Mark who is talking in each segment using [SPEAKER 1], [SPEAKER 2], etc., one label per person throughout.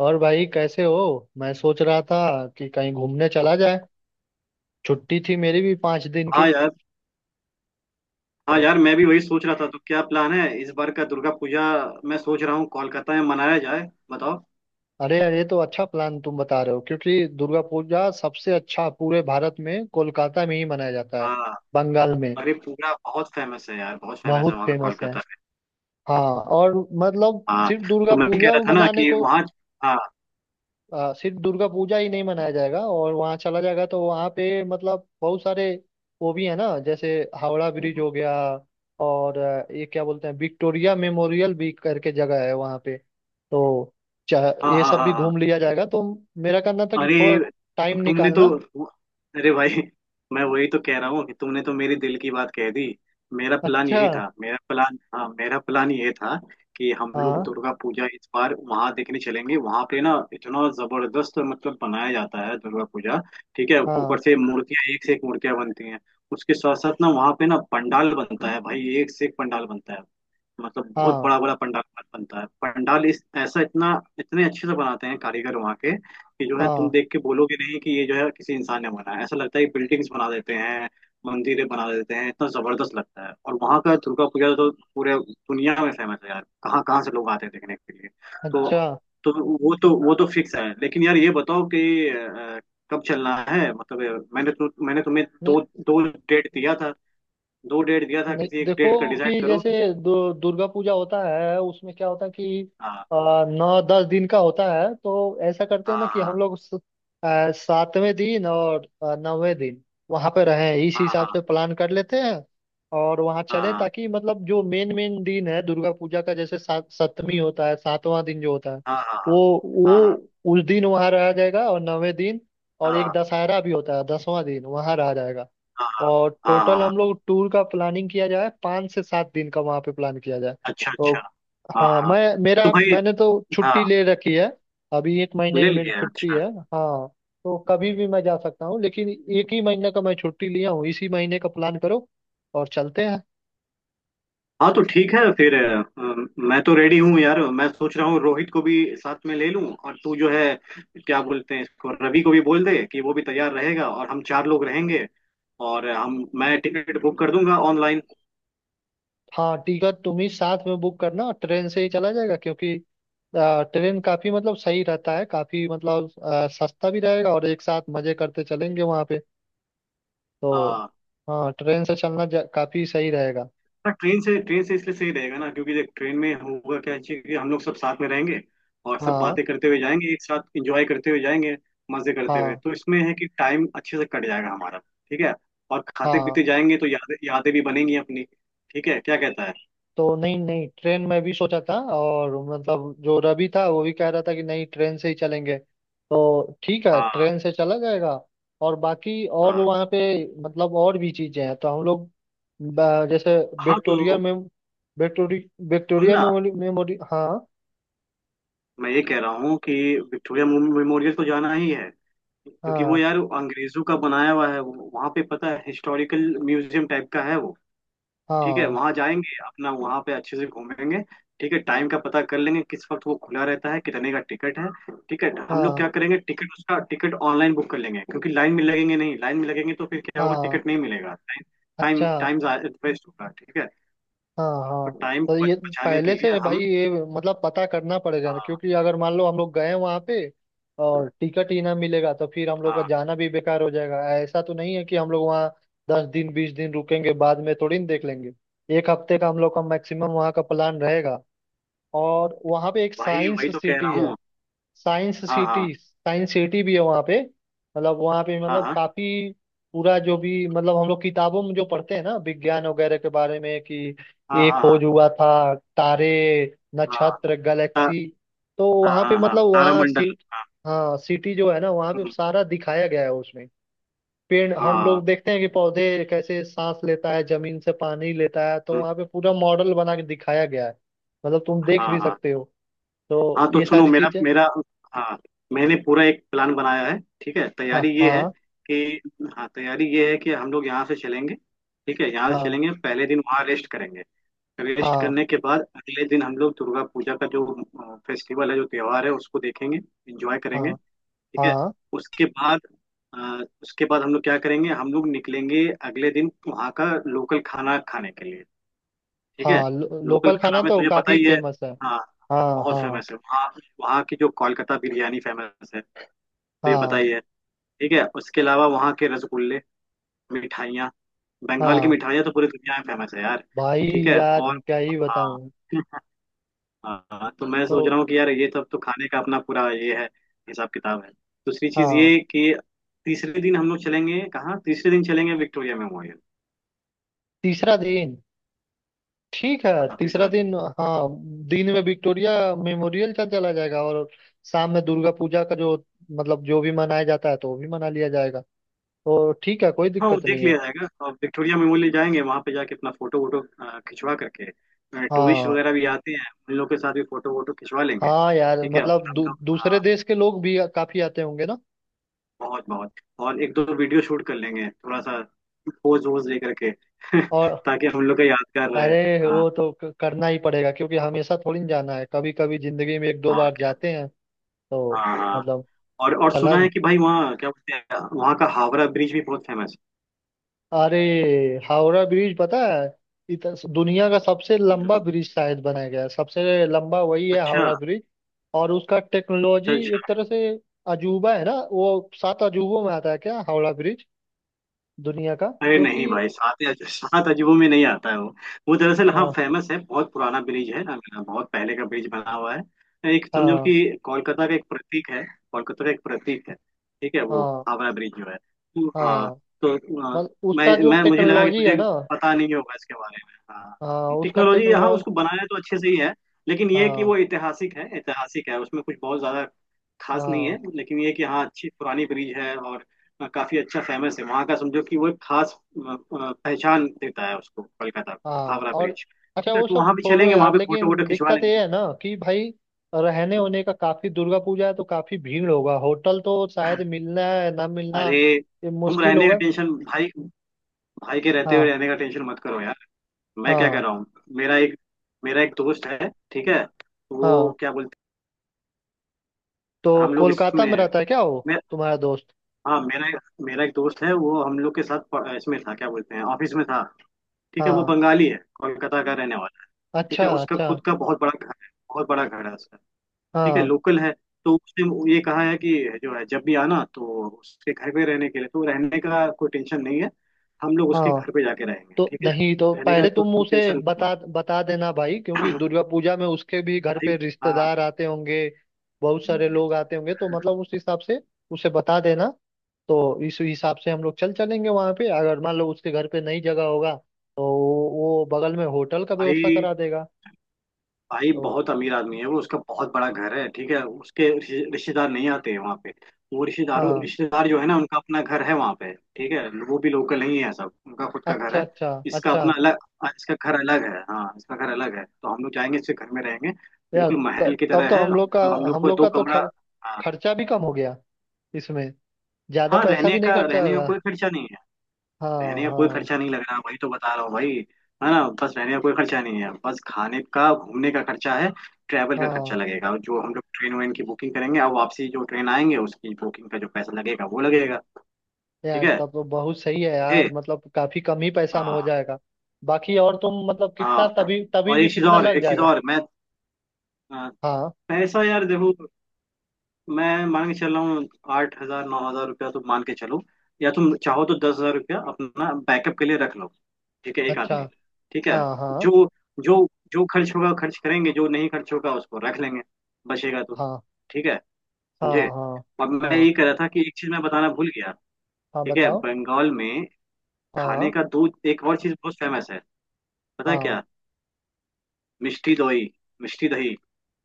[SPEAKER 1] और भाई, कैसे हो? मैं सोच रहा था कि कहीं घूमने चला जाए। छुट्टी थी मेरी भी 5 दिन
[SPEAKER 2] हाँ
[SPEAKER 1] की।
[SPEAKER 2] यार। हाँ
[SPEAKER 1] तो
[SPEAKER 2] यार, मैं भी वही सोच रहा था। तो क्या प्लान है इस बार का दुर्गा पूजा? मैं सोच रहा हूँ कोलकाता में मनाया जाए। बताओ।
[SPEAKER 1] अरे यार, ये तो अच्छा प्लान तुम बता रहे हो, क्योंकि दुर्गा पूजा सबसे अच्छा पूरे भारत में कोलकाता में ही मनाया जाता है।
[SPEAKER 2] हाँ।
[SPEAKER 1] बंगाल में
[SPEAKER 2] अरे पूरा बहुत फेमस है यार, बहुत फेमस है
[SPEAKER 1] बहुत
[SPEAKER 2] वहाँ का
[SPEAKER 1] फेमस है।
[SPEAKER 2] कोलकाता में।
[SPEAKER 1] हाँ। और मतलब
[SPEAKER 2] हाँ,
[SPEAKER 1] सिर्फ
[SPEAKER 2] तो
[SPEAKER 1] दुर्गा
[SPEAKER 2] मैं भी कह
[SPEAKER 1] पूजा
[SPEAKER 2] रहा था ना
[SPEAKER 1] मनाने
[SPEAKER 2] कि
[SPEAKER 1] को।
[SPEAKER 2] वहाँ। हाँ
[SPEAKER 1] सिर्फ दुर्गा पूजा ही नहीं मनाया जाएगा, और वहाँ चला जाएगा तो वहाँ पे मतलब बहुत सारे वो भी है ना, जैसे हावड़ा ब्रिज हो गया। और ये क्या बोलते हैं, विक्टोरिया मेमोरियल भी करके जगह है वहाँ पे। तो
[SPEAKER 2] हाँ
[SPEAKER 1] ये
[SPEAKER 2] हाँ
[SPEAKER 1] सब
[SPEAKER 2] हाँ।
[SPEAKER 1] भी
[SPEAKER 2] हाँ।
[SPEAKER 1] घूम लिया जाएगा। तो मेरा कहना था कि
[SPEAKER 2] अरे
[SPEAKER 1] थोड़ा टाइम
[SPEAKER 2] तुमने तो
[SPEAKER 1] निकालना।
[SPEAKER 2] अरे भाई, मैं वही तो कह रहा हूँ कि तुमने तो मेरे दिल की बात कह दी। मेरा प्लान
[SPEAKER 1] अच्छा।
[SPEAKER 2] यही था मेरा प्लान हाँ, मेरा प्लान ये था कि हम लोग
[SPEAKER 1] हाँ,
[SPEAKER 2] दुर्गा पूजा इस बार वहां देखने चलेंगे। वहां पे ना इतना जबरदस्त मतलब बनाया जाता है दुर्गा पूजा। ठीक है?
[SPEAKER 1] हाँ,
[SPEAKER 2] ऊपर से मूर्तियां, एक से एक मूर्तियां बनती हैं। उसके साथ साथ ना वहां पे ना पंडाल बनता है भाई, एक से एक पंडाल बनता है। मतलब बहुत
[SPEAKER 1] हाँ,
[SPEAKER 2] बड़ा बड़ा पंडाल मत बनता है, पंडाल इस ऐसा इतना इतने अच्छे से बनाते हैं कारीगर वहाँ के कि जो है तुम
[SPEAKER 1] हाँ।
[SPEAKER 2] देख के बोलोगे नहीं कि ये जो है किसी इंसान ने बनाया है। ऐसा लगता है कि बिल्डिंग्स बना देते हैं, मंदिरें बना देते हैं, इतना जबरदस्त लगता है। और वहाँ का दुर्गा पूजा तो पूरे दुनिया में फेमस है यार, कहाँ कहाँ से लोग आते हैं देखने के लिए। तो
[SPEAKER 1] अच्छा।
[SPEAKER 2] तो वो तो फिक्स है। लेकिन यार ये बताओ कि कब चलना है? मतलब मैंने तुम्हें
[SPEAKER 1] नहीं,
[SPEAKER 2] दो दो डेट दिया था। दो डेट दिया था,
[SPEAKER 1] नहीं,
[SPEAKER 2] किसी एक
[SPEAKER 1] देखो
[SPEAKER 2] डेट का डिसाइड
[SPEAKER 1] कि
[SPEAKER 2] करो।
[SPEAKER 1] जैसे दुर्गा पूजा होता है, उसमें क्या होता है कि
[SPEAKER 2] हाँ
[SPEAKER 1] 9-10 दिन का होता है, तो ऐसा करते हैं ना
[SPEAKER 2] हाँ
[SPEAKER 1] कि
[SPEAKER 2] हाँ
[SPEAKER 1] हम लोग सातवें दिन और नौवें दिन वहां पे रहें, इस
[SPEAKER 2] हाँ
[SPEAKER 1] हिसाब
[SPEAKER 2] हाँ
[SPEAKER 1] से प्लान कर लेते हैं। और वहां चलें
[SPEAKER 2] हाँ
[SPEAKER 1] ताकि मतलब जो मेन मेन दिन है दुर्गा पूजा का, जैसे सात सप्तमी होता है, सातवां दिन जो होता है,
[SPEAKER 2] हाँ हाँ
[SPEAKER 1] वो
[SPEAKER 2] हाँ
[SPEAKER 1] वो उस दिन वहां रहा जाएगा, और नौवें दिन।
[SPEAKER 2] हाँ
[SPEAKER 1] और एक
[SPEAKER 2] हाँ
[SPEAKER 1] दशहरा भी होता है, 10वां दिन वहां रहा जाएगा।
[SPEAKER 2] हाँ हाँ
[SPEAKER 1] और
[SPEAKER 2] हाँ,
[SPEAKER 1] टोटल
[SPEAKER 2] हाँ,
[SPEAKER 1] हम लोग टूर का प्लानिंग किया जाए, 5 से 7 दिन का वहाँ पे प्लान किया जाए।
[SPEAKER 2] अच्छा
[SPEAKER 1] तो
[SPEAKER 2] अच्छा। हाँ
[SPEAKER 1] हाँ।
[SPEAKER 2] हाँ। तो भाई,
[SPEAKER 1] मैंने तो
[SPEAKER 2] हाँ,
[SPEAKER 1] छुट्टी ले रखी है। अभी एक महीने की
[SPEAKER 2] ले
[SPEAKER 1] मेरी
[SPEAKER 2] लिया?
[SPEAKER 1] छुट्टी
[SPEAKER 2] अच्छा।
[SPEAKER 1] है। हाँ। तो कभी भी मैं जा सकता हूँ, लेकिन एक ही महीने का मैं छुट्टी लिया हूँ, इसी महीने का प्लान करो और चलते हैं।
[SPEAKER 2] हाँ तो ठीक है फिर मैं तो रेडी हूँ यार। मैं सोच रहा हूँ रोहित को भी साथ में ले लूँ, और तू जो है क्या बोलते हैं इसको, रवि को भी बोल दे कि वो भी तैयार रहेगा और हम चार लोग रहेंगे। और हम मैं टिकट बुक कर दूंगा ऑनलाइन।
[SPEAKER 1] हाँ, टिकट तुम ही साथ में बुक करना। ट्रेन से ही चला जाएगा, क्योंकि ट्रेन काफी मतलब सही रहता है, काफी मतलब सस्ता भी रहेगा, और एक साथ मजे करते चलेंगे वहाँ पे। तो हाँ, ट्रेन से चलना काफी सही रहेगा।
[SPEAKER 2] हाँ, ट्रेन से इसलिए सही रहेगा ना क्योंकि देख ट्रेन में होगा क्या चीज कि हम लोग सब साथ में रहेंगे और सब
[SPEAKER 1] हाँ,
[SPEAKER 2] बातें करते हुए जाएंगे, एक साथ एंजॉय करते हुए जाएंगे, मजे करते हुए।
[SPEAKER 1] हाँ,
[SPEAKER 2] तो इसमें है कि टाइम अच्छे से कट जाएगा हमारा। ठीक है। और खाते
[SPEAKER 1] हाँ।
[SPEAKER 2] पीते जाएंगे तो यादें यादें भी बनेंगी अपनी। ठीक है, क्या कहता है?
[SPEAKER 1] तो नहीं, नहीं, ट्रेन में भी सोचा था, और मतलब जो रवि था वो भी कह रहा था कि नहीं, ट्रेन से ही चलेंगे। तो ठीक है,
[SPEAKER 2] हाँ
[SPEAKER 1] ट्रेन से चला जाएगा। और बाकी और
[SPEAKER 2] हाँ
[SPEAKER 1] वहाँ पे मतलब और भी चीजें हैं, तो हम लोग जैसे
[SPEAKER 2] हाँ।
[SPEAKER 1] विक्टोरिया
[SPEAKER 2] तो
[SPEAKER 1] में विक्टोरी विक्टोरिया
[SPEAKER 2] बोलना,
[SPEAKER 1] मेमोरी मेमोरी। हाँ,
[SPEAKER 2] मैं ये कह रहा हूँ कि विक्टोरिया मेमोरियल तो जाना ही है, क्योंकि वो
[SPEAKER 1] हाँ,
[SPEAKER 2] यार अंग्रेजों का बनाया हुआ है। वहाँ पे पता है हिस्टोरिकल म्यूजियम टाइप का है वो। ठीक है,
[SPEAKER 1] हाँ,
[SPEAKER 2] वहां जाएंगे अपना, वहां पे अच्छे से घूमेंगे। ठीक है, टाइम का पता कर लेंगे किस वक्त वो खुला रहता है, कितने का टिकट है। ठीक है, हम लोग
[SPEAKER 1] हाँ,
[SPEAKER 2] क्या करेंगे टिकट, उसका टिकट ऑनलाइन बुक कर लेंगे क्योंकि लाइन में लगेंगे नहीं। लाइन में लगेंगे तो फिर क्या होगा,
[SPEAKER 1] हाँ,
[SPEAKER 2] टिकट नहीं मिलेगा। टाइम
[SPEAKER 1] अच्छा।
[SPEAKER 2] टाइम वेस्ट होगा। ठीक है,
[SPEAKER 1] हाँ,
[SPEAKER 2] तो
[SPEAKER 1] हाँ।
[SPEAKER 2] टाइम
[SPEAKER 1] तो
[SPEAKER 2] को
[SPEAKER 1] ये
[SPEAKER 2] बचाने के
[SPEAKER 1] पहले
[SPEAKER 2] लिए
[SPEAKER 1] से भाई,
[SPEAKER 2] हम।
[SPEAKER 1] ये मतलब पता करना पड़ेगा ना,
[SPEAKER 2] हाँ
[SPEAKER 1] क्योंकि अगर मान लो हम लोग गए वहाँ पे और टिकट ही ना मिलेगा तो फिर हम लोग का
[SPEAKER 2] हाँ।
[SPEAKER 1] जाना भी बेकार हो जाएगा। ऐसा तो नहीं है कि हम लोग वहाँ 10 दिन 20 दिन रुकेंगे, बाद में थोड़ी ना देख लेंगे। एक हफ्ते का हम लोग का मैक्सिमम वहाँ का प्लान रहेगा। और वहाँ पे एक
[SPEAKER 2] भाई
[SPEAKER 1] साइंस
[SPEAKER 2] वही तो कह
[SPEAKER 1] सिटी
[SPEAKER 2] रहा
[SPEAKER 1] है।
[SPEAKER 2] हूँ।
[SPEAKER 1] साइंस
[SPEAKER 2] हाँ हाँ
[SPEAKER 1] सिटी, साइंस सिटी भी है वहाँ पे। मतलब वहाँ पे मतलब
[SPEAKER 2] हाँ
[SPEAKER 1] काफी पूरा जो भी, मतलब हम लोग किताबों में जो पढ़ते हैं ना विज्ञान वगैरह के बारे में, कि
[SPEAKER 2] हाँ
[SPEAKER 1] ये
[SPEAKER 2] हाँ हाँ हाँ
[SPEAKER 1] खोज हुआ था, तारे,
[SPEAKER 2] हाँ।
[SPEAKER 1] नक्षत्र,
[SPEAKER 2] ता-
[SPEAKER 1] गैलेक्सी। तो
[SPEAKER 2] हाँ
[SPEAKER 1] वहाँ पे
[SPEAKER 2] हाँ हाँ,
[SPEAKER 1] मतलब वहाँ
[SPEAKER 2] तारामंडल।
[SPEAKER 1] सी
[SPEAKER 2] हाँ।
[SPEAKER 1] हाँ, सिटी जो है ना वहाँ पे
[SPEAKER 2] हम्म।
[SPEAKER 1] सारा दिखाया गया है उसमें। पेड़ हम
[SPEAKER 2] हाँ।
[SPEAKER 1] लोग देखते हैं कि पौधे कैसे सांस लेता है, जमीन से पानी लेता है, तो
[SPEAKER 2] हम्म।
[SPEAKER 1] वहाँ पे पूरा मॉडल बना के दिखाया गया है। मतलब तुम देख
[SPEAKER 2] हाँ
[SPEAKER 1] भी
[SPEAKER 2] हाँ
[SPEAKER 1] सकते हो। तो
[SPEAKER 2] हाँ। तो
[SPEAKER 1] ये
[SPEAKER 2] सुनो,
[SPEAKER 1] सारी
[SPEAKER 2] मेरा
[SPEAKER 1] चीजें।
[SPEAKER 2] मेरा हाँ, मैंने पूरा एक प्लान बनाया है। ठीक है,
[SPEAKER 1] हाँ,
[SPEAKER 2] तैयारी ये है
[SPEAKER 1] हाँ,
[SPEAKER 2] कि हाँ, तैयारी ये है कि हम लोग यहाँ से चलेंगे। ठीक है, यहाँ से
[SPEAKER 1] हाँ,
[SPEAKER 2] चलेंगे, पहले दिन वहाँ रेस्ट करेंगे। रेस्ट
[SPEAKER 1] हाँ,
[SPEAKER 2] करने के बाद अगले दिन हम लोग दुर्गा पूजा का जो फेस्टिवल है, जो त्योहार है, उसको देखेंगे, एंजॉय करेंगे।
[SPEAKER 1] हाँ,
[SPEAKER 2] ठीक है,
[SPEAKER 1] हाँ,
[SPEAKER 2] उसके बाद उसके बाद हम लोग क्या करेंगे, हम लोग निकलेंगे अगले दिन वहाँ का लोकल खाना खाने के लिए। ठीक है,
[SPEAKER 1] हाँ,
[SPEAKER 2] लोकल
[SPEAKER 1] लोकल
[SPEAKER 2] खाना
[SPEAKER 1] खाना
[SPEAKER 2] में
[SPEAKER 1] तो
[SPEAKER 2] तुझे पता
[SPEAKER 1] काफी
[SPEAKER 2] ही है।
[SPEAKER 1] फेमस है।
[SPEAKER 2] हाँ,
[SPEAKER 1] हाँ,
[SPEAKER 2] बहुत
[SPEAKER 1] हाँ,
[SPEAKER 2] फेमस है वहाँ। वहाँ की जो कोलकाता बिरयानी फेमस है तो ये पता
[SPEAKER 1] हाँ,
[SPEAKER 2] ही है। ठीक है, उसके अलावा वहाँ के रसगुल्ले, मिठाइयाँ, बंगाल की
[SPEAKER 1] हाँ।
[SPEAKER 2] मिठाइयाँ तो पूरी दुनिया में फेमस है यार।
[SPEAKER 1] भाई,
[SPEAKER 2] ठीक है।
[SPEAKER 1] यार
[SPEAKER 2] और
[SPEAKER 1] क्या ही
[SPEAKER 2] हाँ
[SPEAKER 1] बताऊं।
[SPEAKER 2] हाँ, तो मैं
[SPEAKER 1] तो
[SPEAKER 2] सोच रहा हूँ कि यार ये सब तो खाने का अपना पूरा ये है, हिसाब किताब है। दूसरी चीज
[SPEAKER 1] हाँ,
[SPEAKER 2] ये कि तीसरे दिन हम लोग चलेंगे कहाँ, तीसरे दिन चलेंगे विक्टोरिया मेमोरियल।
[SPEAKER 1] तीसरा दिन। ठीक है,
[SPEAKER 2] हाँ,
[SPEAKER 1] तीसरा
[SPEAKER 2] तीसरा दिन।
[SPEAKER 1] दिन। हाँ, दिन में विक्टोरिया मेमोरियल चल चला जाएगा, और शाम में दुर्गा पूजा का जो, मतलब जो भी मनाया जाता है, तो वो भी मना लिया जाएगा। तो ठीक है, कोई
[SPEAKER 2] हाँ। वो
[SPEAKER 1] दिक्कत
[SPEAKER 2] देख
[SPEAKER 1] नहीं है।
[SPEAKER 2] लिया जाएगा, और विक्टोरिया मेमोरियल जाएंगे, वहां पे जाके अपना फोटो वोटो खिंचवा करके, टूरिस्ट
[SPEAKER 1] हाँ,
[SPEAKER 2] वगैरह भी आते हैं उन लोग के साथ भी फोटो वोटो खिंचवा लेंगे।
[SPEAKER 1] हाँ, यार
[SPEAKER 2] ठीक है, और
[SPEAKER 1] मतलब
[SPEAKER 2] हम लोग
[SPEAKER 1] दूसरे
[SPEAKER 2] हाँ,
[SPEAKER 1] देश के लोग भी काफी आते होंगे ना।
[SPEAKER 2] बहुत बहुत। और एक दो वीडियो शूट कर लेंगे थोड़ा सा, पोज वोज दे करके
[SPEAKER 1] और
[SPEAKER 2] ताकि हम लोग का यादगार रहे।
[SPEAKER 1] अरे,
[SPEAKER 2] हाँ,
[SPEAKER 1] वो तो करना ही पड़ेगा, क्योंकि हमेशा थोड़ी ना जाना है, कभी कभी जिंदगी में एक दो
[SPEAKER 2] और
[SPEAKER 1] बार
[SPEAKER 2] क्या।
[SPEAKER 1] जाते हैं। तो
[SPEAKER 2] हाँ हाँ।
[SPEAKER 1] मतलब
[SPEAKER 2] और
[SPEAKER 1] चला।
[SPEAKER 2] सुना है कि भाई वहाँ क्या बोलते हैं वहाँ का हावड़ा ब्रिज भी बहुत फेमस
[SPEAKER 1] अरे, हावड़ा ब्रिज पता है, इत, दुनिया का सबसे
[SPEAKER 2] है।
[SPEAKER 1] लंबा ब्रिज शायद बनाया गया है, सबसे लंबा वही है
[SPEAKER 2] अच्छा
[SPEAKER 1] हावड़ा ब्रिज। और उसका टेक्नोलॉजी
[SPEAKER 2] अच्छा।
[SPEAKER 1] एक तरह से अजूबा है ना, वो 7 अजूबों में आता है क्या हावड़ा ब्रिज दुनिया का?
[SPEAKER 2] अरे
[SPEAKER 1] क्योंकि
[SPEAKER 2] नहीं भाई सात या सात अजूबों में नहीं आता है वो। वो दरअसल हाँ
[SPEAKER 1] हाँ,
[SPEAKER 2] फेमस है, बहुत पुराना ब्रिज है ना, बहुत पहले का ब्रिज बना हुआ है। एक समझो
[SPEAKER 1] हाँ,
[SPEAKER 2] कि कोलकाता का एक प्रतीक है, कोलकाता का एक प्रतीक है, ठीक है वो
[SPEAKER 1] हाँ,
[SPEAKER 2] हावड़ा ब्रिज जो है। तो, हाँ
[SPEAKER 1] हाँ,
[SPEAKER 2] तो अ,
[SPEAKER 1] मतलब
[SPEAKER 2] मैं
[SPEAKER 1] उसका जो
[SPEAKER 2] मैं मुझे लगा कि
[SPEAKER 1] टेक्नोलॉजी है
[SPEAKER 2] तुझे
[SPEAKER 1] ना।
[SPEAKER 2] पता नहीं होगा इसके बारे में। हाँ,
[SPEAKER 1] हाँ, उसका
[SPEAKER 2] टेक्नोलॉजी, हाँ, उसको
[SPEAKER 1] टेक्नोलॉजी।
[SPEAKER 2] बनाया तो अच्छे से ही है लेकिन ये कि
[SPEAKER 1] हाँ,
[SPEAKER 2] वो ऐतिहासिक है, ऐतिहासिक है उसमें कुछ बहुत ज्यादा खास नहीं है।
[SPEAKER 1] हाँ,
[SPEAKER 2] लेकिन ये कि हाँ, अच्छी पुरानी ब्रिज है और काफी अच्छा फेमस है वहाँ का। समझो कि वो एक खास पहचान देता है उसको कोलकाता को,
[SPEAKER 1] हाँ।
[SPEAKER 2] हावड़ा
[SPEAKER 1] और
[SPEAKER 2] ब्रिज।
[SPEAKER 1] अच्छा,
[SPEAKER 2] ठीक है,
[SPEAKER 1] वो
[SPEAKER 2] तो
[SPEAKER 1] सब
[SPEAKER 2] वहाँ भी
[SPEAKER 1] छोड़ो
[SPEAKER 2] चलेंगे वहाँ
[SPEAKER 1] यार,
[SPEAKER 2] पे फोटो वोटो
[SPEAKER 1] लेकिन
[SPEAKER 2] खिंचवा
[SPEAKER 1] दिक्कत
[SPEAKER 2] लेंगे।
[SPEAKER 1] ये है ना कि भाई रहने होने का, काफी दुर्गा पूजा है तो काफी भीड़ होगा, होटल तो शायद मिलना है ना मिलना,
[SPEAKER 2] अरे
[SPEAKER 1] ये
[SPEAKER 2] तुम
[SPEAKER 1] मुश्किल
[SPEAKER 2] रहने का
[SPEAKER 1] होगा।
[SPEAKER 2] टेंशन भाई, भाई के रहते
[SPEAKER 1] हाँ,
[SPEAKER 2] हुए रहने का टेंशन मत करो यार। मैं क्या कह
[SPEAKER 1] हाँ,
[SPEAKER 2] रहा हूँ, मेरा एक मेरा एक दोस्त है ठीक है, वो
[SPEAKER 1] हाँ।
[SPEAKER 2] क्या बोलते
[SPEAKER 1] तो
[SPEAKER 2] हैं, हम लोग
[SPEAKER 1] कोलकाता में
[SPEAKER 2] इसमें,
[SPEAKER 1] रहता है क्या वो
[SPEAKER 2] मैं
[SPEAKER 1] तुम्हारा दोस्त?
[SPEAKER 2] हाँ, मेरा एक दोस्त है, वो हम लोग के साथ इसमें था, क्या बोलते हैं ऑफिस में था। ठीक है, वो
[SPEAKER 1] हाँ,
[SPEAKER 2] बंगाली है, कोलकाता का रहने वाला है। ठीक
[SPEAKER 1] अच्छा,
[SPEAKER 2] है, उसका
[SPEAKER 1] अच्छा।
[SPEAKER 2] खुद का बहुत बड़ा घर है, बहुत बड़ा घर है। ठीक है,
[SPEAKER 1] हाँ,
[SPEAKER 2] लोकल है। तो उसने ये कहा है कि जो है जब भी आना तो उसके घर पे रहने के लिए, तो रहने का कोई टेंशन नहीं है। हम लोग उसके
[SPEAKER 1] हाँ।
[SPEAKER 2] घर पे जाके रहेंगे।
[SPEAKER 1] तो
[SPEAKER 2] ठीक है,
[SPEAKER 1] नहीं, तो
[SPEAKER 2] रहने का
[SPEAKER 1] पहले
[SPEAKER 2] तो
[SPEAKER 1] तुम
[SPEAKER 2] तुम
[SPEAKER 1] उसे
[SPEAKER 2] टेंशन मत,
[SPEAKER 1] बता बता देना भाई, क्योंकि दुर्गा पूजा में उसके भी घर
[SPEAKER 2] भाई।
[SPEAKER 1] पे
[SPEAKER 2] हाँ
[SPEAKER 1] रिश्तेदार आते होंगे, बहुत सारे लोग आते होंगे, तो मतलब उस हिसाब से उसे बता देना। तो इस हिसाब से हम लोग चल चलेंगे वहां पे, अगर मान लो उसके घर पे नई जगह होगा तो वो बगल में होटल का व्यवस्था
[SPEAKER 2] भाई,
[SPEAKER 1] करा देगा।
[SPEAKER 2] भाई
[SPEAKER 1] तो
[SPEAKER 2] बहुत अमीर आदमी है वो, उसका बहुत बड़ा घर है। ठीक है, उसके रिश्तेदार नहीं आते हैं वहाँ पे, वो
[SPEAKER 1] हाँ,
[SPEAKER 2] रिश्तेदार जो है ना उनका अपना घर है वहाँ पे। ठीक है, वो भी लोकल नहीं है, सब उनका खुद का घर
[SPEAKER 1] अच्छा,
[SPEAKER 2] है।
[SPEAKER 1] अच्छा,
[SPEAKER 2] इसका
[SPEAKER 1] अच्छा।
[SPEAKER 2] अपना अलग, हाँ, इसका घर अलग है, हाँ, इसका घर अलग है। तो हम लोग जाएंगे इसके घर में रहेंगे,
[SPEAKER 1] यार
[SPEAKER 2] बिल्कुल महल की
[SPEAKER 1] तब तो
[SPEAKER 2] तरह है।
[SPEAKER 1] हम लोग का
[SPEAKER 2] हम लोग
[SPEAKER 1] हम
[SPEAKER 2] को
[SPEAKER 1] लोग
[SPEAKER 2] दो
[SPEAKER 1] का तो
[SPEAKER 2] कमरा। हाँ
[SPEAKER 1] खर्चा भी कम हो गया, इसमें ज्यादा
[SPEAKER 2] हाँ।
[SPEAKER 1] पैसा भी नहीं खर्चा
[SPEAKER 2] रहने का
[SPEAKER 1] होगा।
[SPEAKER 2] कोई खर्चा नहीं,
[SPEAKER 1] हाँ,
[SPEAKER 2] रहने का कोई
[SPEAKER 1] हाँ,
[SPEAKER 2] खर्चा नहीं लग रहा, वही तो बता रहा हूँ भाई। है ना, बस रहने का कोई खर्चा नहीं है, बस खाने का घूमने का खर्चा है, ट्रैवल का खर्चा
[SPEAKER 1] हाँ।
[SPEAKER 2] लगेगा। और जो हम लोग ट्रेन वेन की बुकिंग करेंगे और वापसी जो ट्रेन आएंगे उसकी बुकिंग का जो पैसा लगेगा वो लगेगा। ठीक
[SPEAKER 1] यार
[SPEAKER 2] है,
[SPEAKER 1] तब तो बहुत सही है
[SPEAKER 2] ये
[SPEAKER 1] यार, मतलब काफी कम ही पैसा में
[SPEAKER 2] हाँ
[SPEAKER 1] हो जाएगा। बाकी और तुम मतलब कितना,
[SPEAKER 2] हाँ।
[SPEAKER 1] तभी तभी
[SPEAKER 2] और
[SPEAKER 1] भी
[SPEAKER 2] एक चीज,
[SPEAKER 1] कितना
[SPEAKER 2] और
[SPEAKER 1] लग
[SPEAKER 2] एक चीज
[SPEAKER 1] जाएगा?
[SPEAKER 2] और मैं अ,
[SPEAKER 1] हाँ,
[SPEAKER 2] पैसा यार देखो, मैं मान के चल रहा हूँ 8,000 9,000 रुपया तो मान के चलो, या तुम चाहो तो 10,000 रुपया अपना बैकअप के लिए रख लो। ठीक है, एक
[SPEAKER 1] अच्छा।
[SPEAKER 2] आदमी। ठीक है,
[SPEAKER 1] हाँ, हाँ,
[SPEAKER 2] जो जो जो खर्च होगा खर्च करेंगे, जो नहीं खर्च होगा उसको रख लेंगे, बचेगा तो।
[SPEAKER 1] हाँ,
[SPEAKER 2] ठीक है,
[SPEAKER 1] हाँ,
[SPEAKER 2] समझे।
[SPEAKER 1] हाँ,
[SPEAKER 2] अब मैं
[SPEAKER 1] हाँ।
[SPEAKER 2] ये कह रहा था कि एक चीज मैं बताना भूल गया।
[SPEAKER 1] हाँ,
[SPEAKER 2] ठीक है,
[SPEAKER 1] बताओ।
[SPEAKER 2] बंगाल में
[SPEAKER 1] हाँ,
[SPEAKER 2] खाने का दो एक और चीज बहुत फेमस है, पता है
[SPEAKER 1] हाँ,
[SPEAKER 2] क्या? मिष्टी दोई, मिष्टी दही,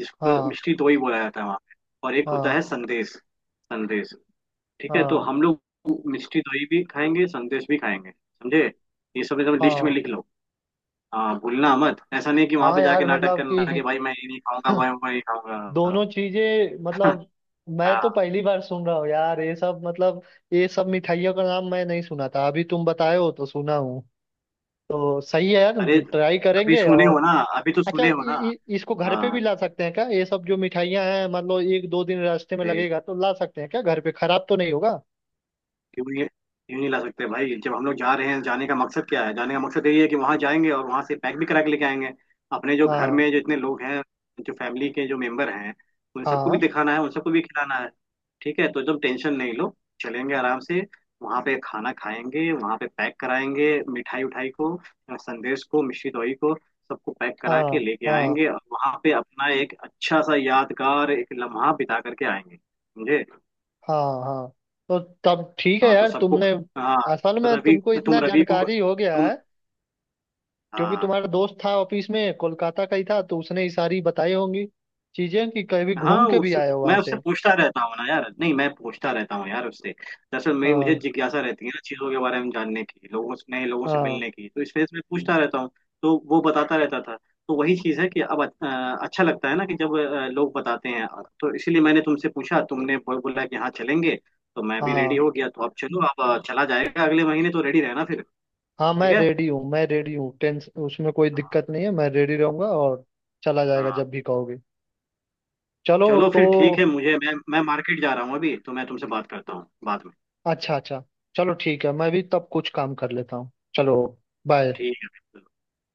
[SPEAKER 2] जिसको
[SPEAKER 1] हाँ,
[SPEAKER 2] मिष्टी दोई बोला जाता है वहाँ पे। और एक होता
[SPEAKER 1] हाँ,
[SPEAKER 2] है संदेश, संदेश। ठीक है, तो
[SPEAKER 1] हाँ।
[SPEAKER 2] हम लोग मिष्टी दोई भी खाएंगे, संदेश भी खाएंगे। समझे, ये सब एकदम लिस्ट में
[SPEAKER 1] हाँ,
[SPEAKER 2] लिख लो। हाँ, भूलना मत। ऐसा नहीं कि वहां
[SPEAKER 1] हाँ,
[SPEAKER 2] पे जाके
[SPEAKER 1] यार
[SPEAKER 2] नाटक
[SPEAKER 1] मतलब
[SPEAKER 2] करना कि
[SPEAKER 1] कि
[SPEAKER 2] भाई मैं ये नहीं खाऊंगा, भाई मैं ये खाऊंगा।
[SPEAKER 1] दोनों चीजें मतलब मैं तो
[SPEAKER 2] हाँ।
[SPEAKER 1] पहली बार सुन रहा हूँ यार, ये सब मतलब ये सब मिठाइयों का नाम मैं नहीं सुना था, अभी तुम बताए हो तो सुना हूँ। तो सही है यार,
[SPEAKER 2] अरे,
[SPEAKER 1] ट्राई
[SPEAKER 2] अभी
[SPEAKER 1] करेंगे।
[SPEAKER 2] सुने हो
[SPEAKER 1] और
[SPEAKER 2] ना, अभी तो
[SPEAKER 1] अच्छा, इ,
[SPEAKER 2] सुने हो ना।
[SPEAKER 1] इ, इसको घर पे
[SPEAKER 2] हाँ,
[SPEAKER 1] भी ला सकते हैं क्या, ये सब जो मिठाइयाँ हैं? मान लो एक दो दिन रास्ते में लगेगा तो ला सकते हैं क्या घर पे, खराब तो नहीं होगा?
[SPEAKER 2] क्यों नहीं, क्यों नहीं ला सकते भाई? जब हम लोग जा रहे हैं, जाने का मकसद क्या है, जाने का मकसद यही है कि वहां जाएंगे और वहां से पैक भी करा के लेके आएंगे। अपने जो घर
[SPEAKER 1] हाँ,
[SPEAKER 2] में जो इतने लोग हैं, जो फैमिली के जो मेंबर हैं, उन सबको भी
[SPEAKER 1] हाँ,
[SPEAKER 2] दिखाना है, उन सबको भी खिलाना है। ठीक है, तो एकदम टेंशन नहीं लो, चलेंगे आराम से। वहां पे खाना खाएंगे, वहां पे पैक कराएंगे, मिठाई उठाई को, संदेश को, मिश्री दोई को, सबको पैक करा के
[SPEAKER 1] हाँ,
[SPEAKER 2] लेके
[SPEAKER 1] हाँ,
[SPEAKER 2] आएंगे। और वहां पे अपना एक अच्छा सा यादगार एक लम्हा बिता करके आएंगे, समझे।
[SPEAKER 1] हाँ, हाँ। तो तब ठीक है
[SPEAKER 2] हाँ तो
[SPEAKER 1] यार,
[SPEAKER 2] सबको,
[SPEAKER 1] तुमने
[SPEAKER 2] हाँ
[SPEAKER 1] असल में
[SPEAKER 2] रवि,
[SPEAKER 1] तुमको
[SPEAKER 2] तुम
[SPEAKER 1] इतना
[SPEAKER 2] रवि को
[SPEAKER 1] जानकारी हो गया
[SPEAKER 2] तुम
[SPEAKER 1] है, क्योंकि
[SPEAKER 2] हाँ
[SPEAKER 1] तुम्हारा दोस्त था ऑफिस में, कोलकाता का ही था, तो उसने ही सारी बताई होंगी चीजें, कि कभी घूम
[SPEAKER 2] हाँ।
[SPEAKER 1] के भी
[SPEAKER 2] उससे
[SPEAKER 1] आए हो
[SPEAKER 2] मैं
[SPEAKER 1] वहां
[SPEAKER 2] उससे
[SPEAKER 1] से।
[SPEAKER 2] पूछता रहता हूँ ना यार, नहीं मैं पूछता रहता हूँ यार उससे दरअसल। मैं मुझे
[SPEAKER 1] हाँ,
[SPEAKER 2] जिज्ञासा रहती है ना चीज़ों के बारे में जानने की, लोगों से नए लोगों से
[SPEAKER 1] हाँ,
[SPEAKER 2] मिलने की, तो इस वजह से मैं पूछता रहता हूँ। तो वो बताता रहता था। तो वही चीज़ है कि अब अच्छा लगता है ना कि जब लोग बताते हैं। तो इसीलिए मैंने तुमसे पूछा, तुमने बोला कि हाँ चलेंगे, तो मैं भी रेडी
[SPEAKER 1] हाँ,
[SPEAKER 2] हो गया। तो अब चलो, अब चला जाएगा अगले महीने। तो रेडी रहना फिर।
[SPEAKER 1] हाँ। मैं
[SPEAKER 2] ठीक है,
[SPEAKER 1] रेडी हूँ, मैं रेडी हूँ, टेंस उसमें कोई दिक्कत नहीं है, मैं रेडी रहूंगा, और चला जाएगा जब
[SPEAKER 2] हाँ।
[SPEAKER 1] भी कहोगे। चलो।
[SPEAKER 2] चलो
[SPEAKER 1] तो
[SPEAKER 2] फिर ठीक है, मुझे मैं मार्केट जा रहा हूँ अभी, तो मैं तुमसे बात करता हूँ बाद में।
[SPEAKER 1] अच्छा, अच्छा। चलो ठीक है, मैं भी तब कुछ काम कर लेता हूँ। चलो। बाय।
[SPEAKER 2] ठीक है।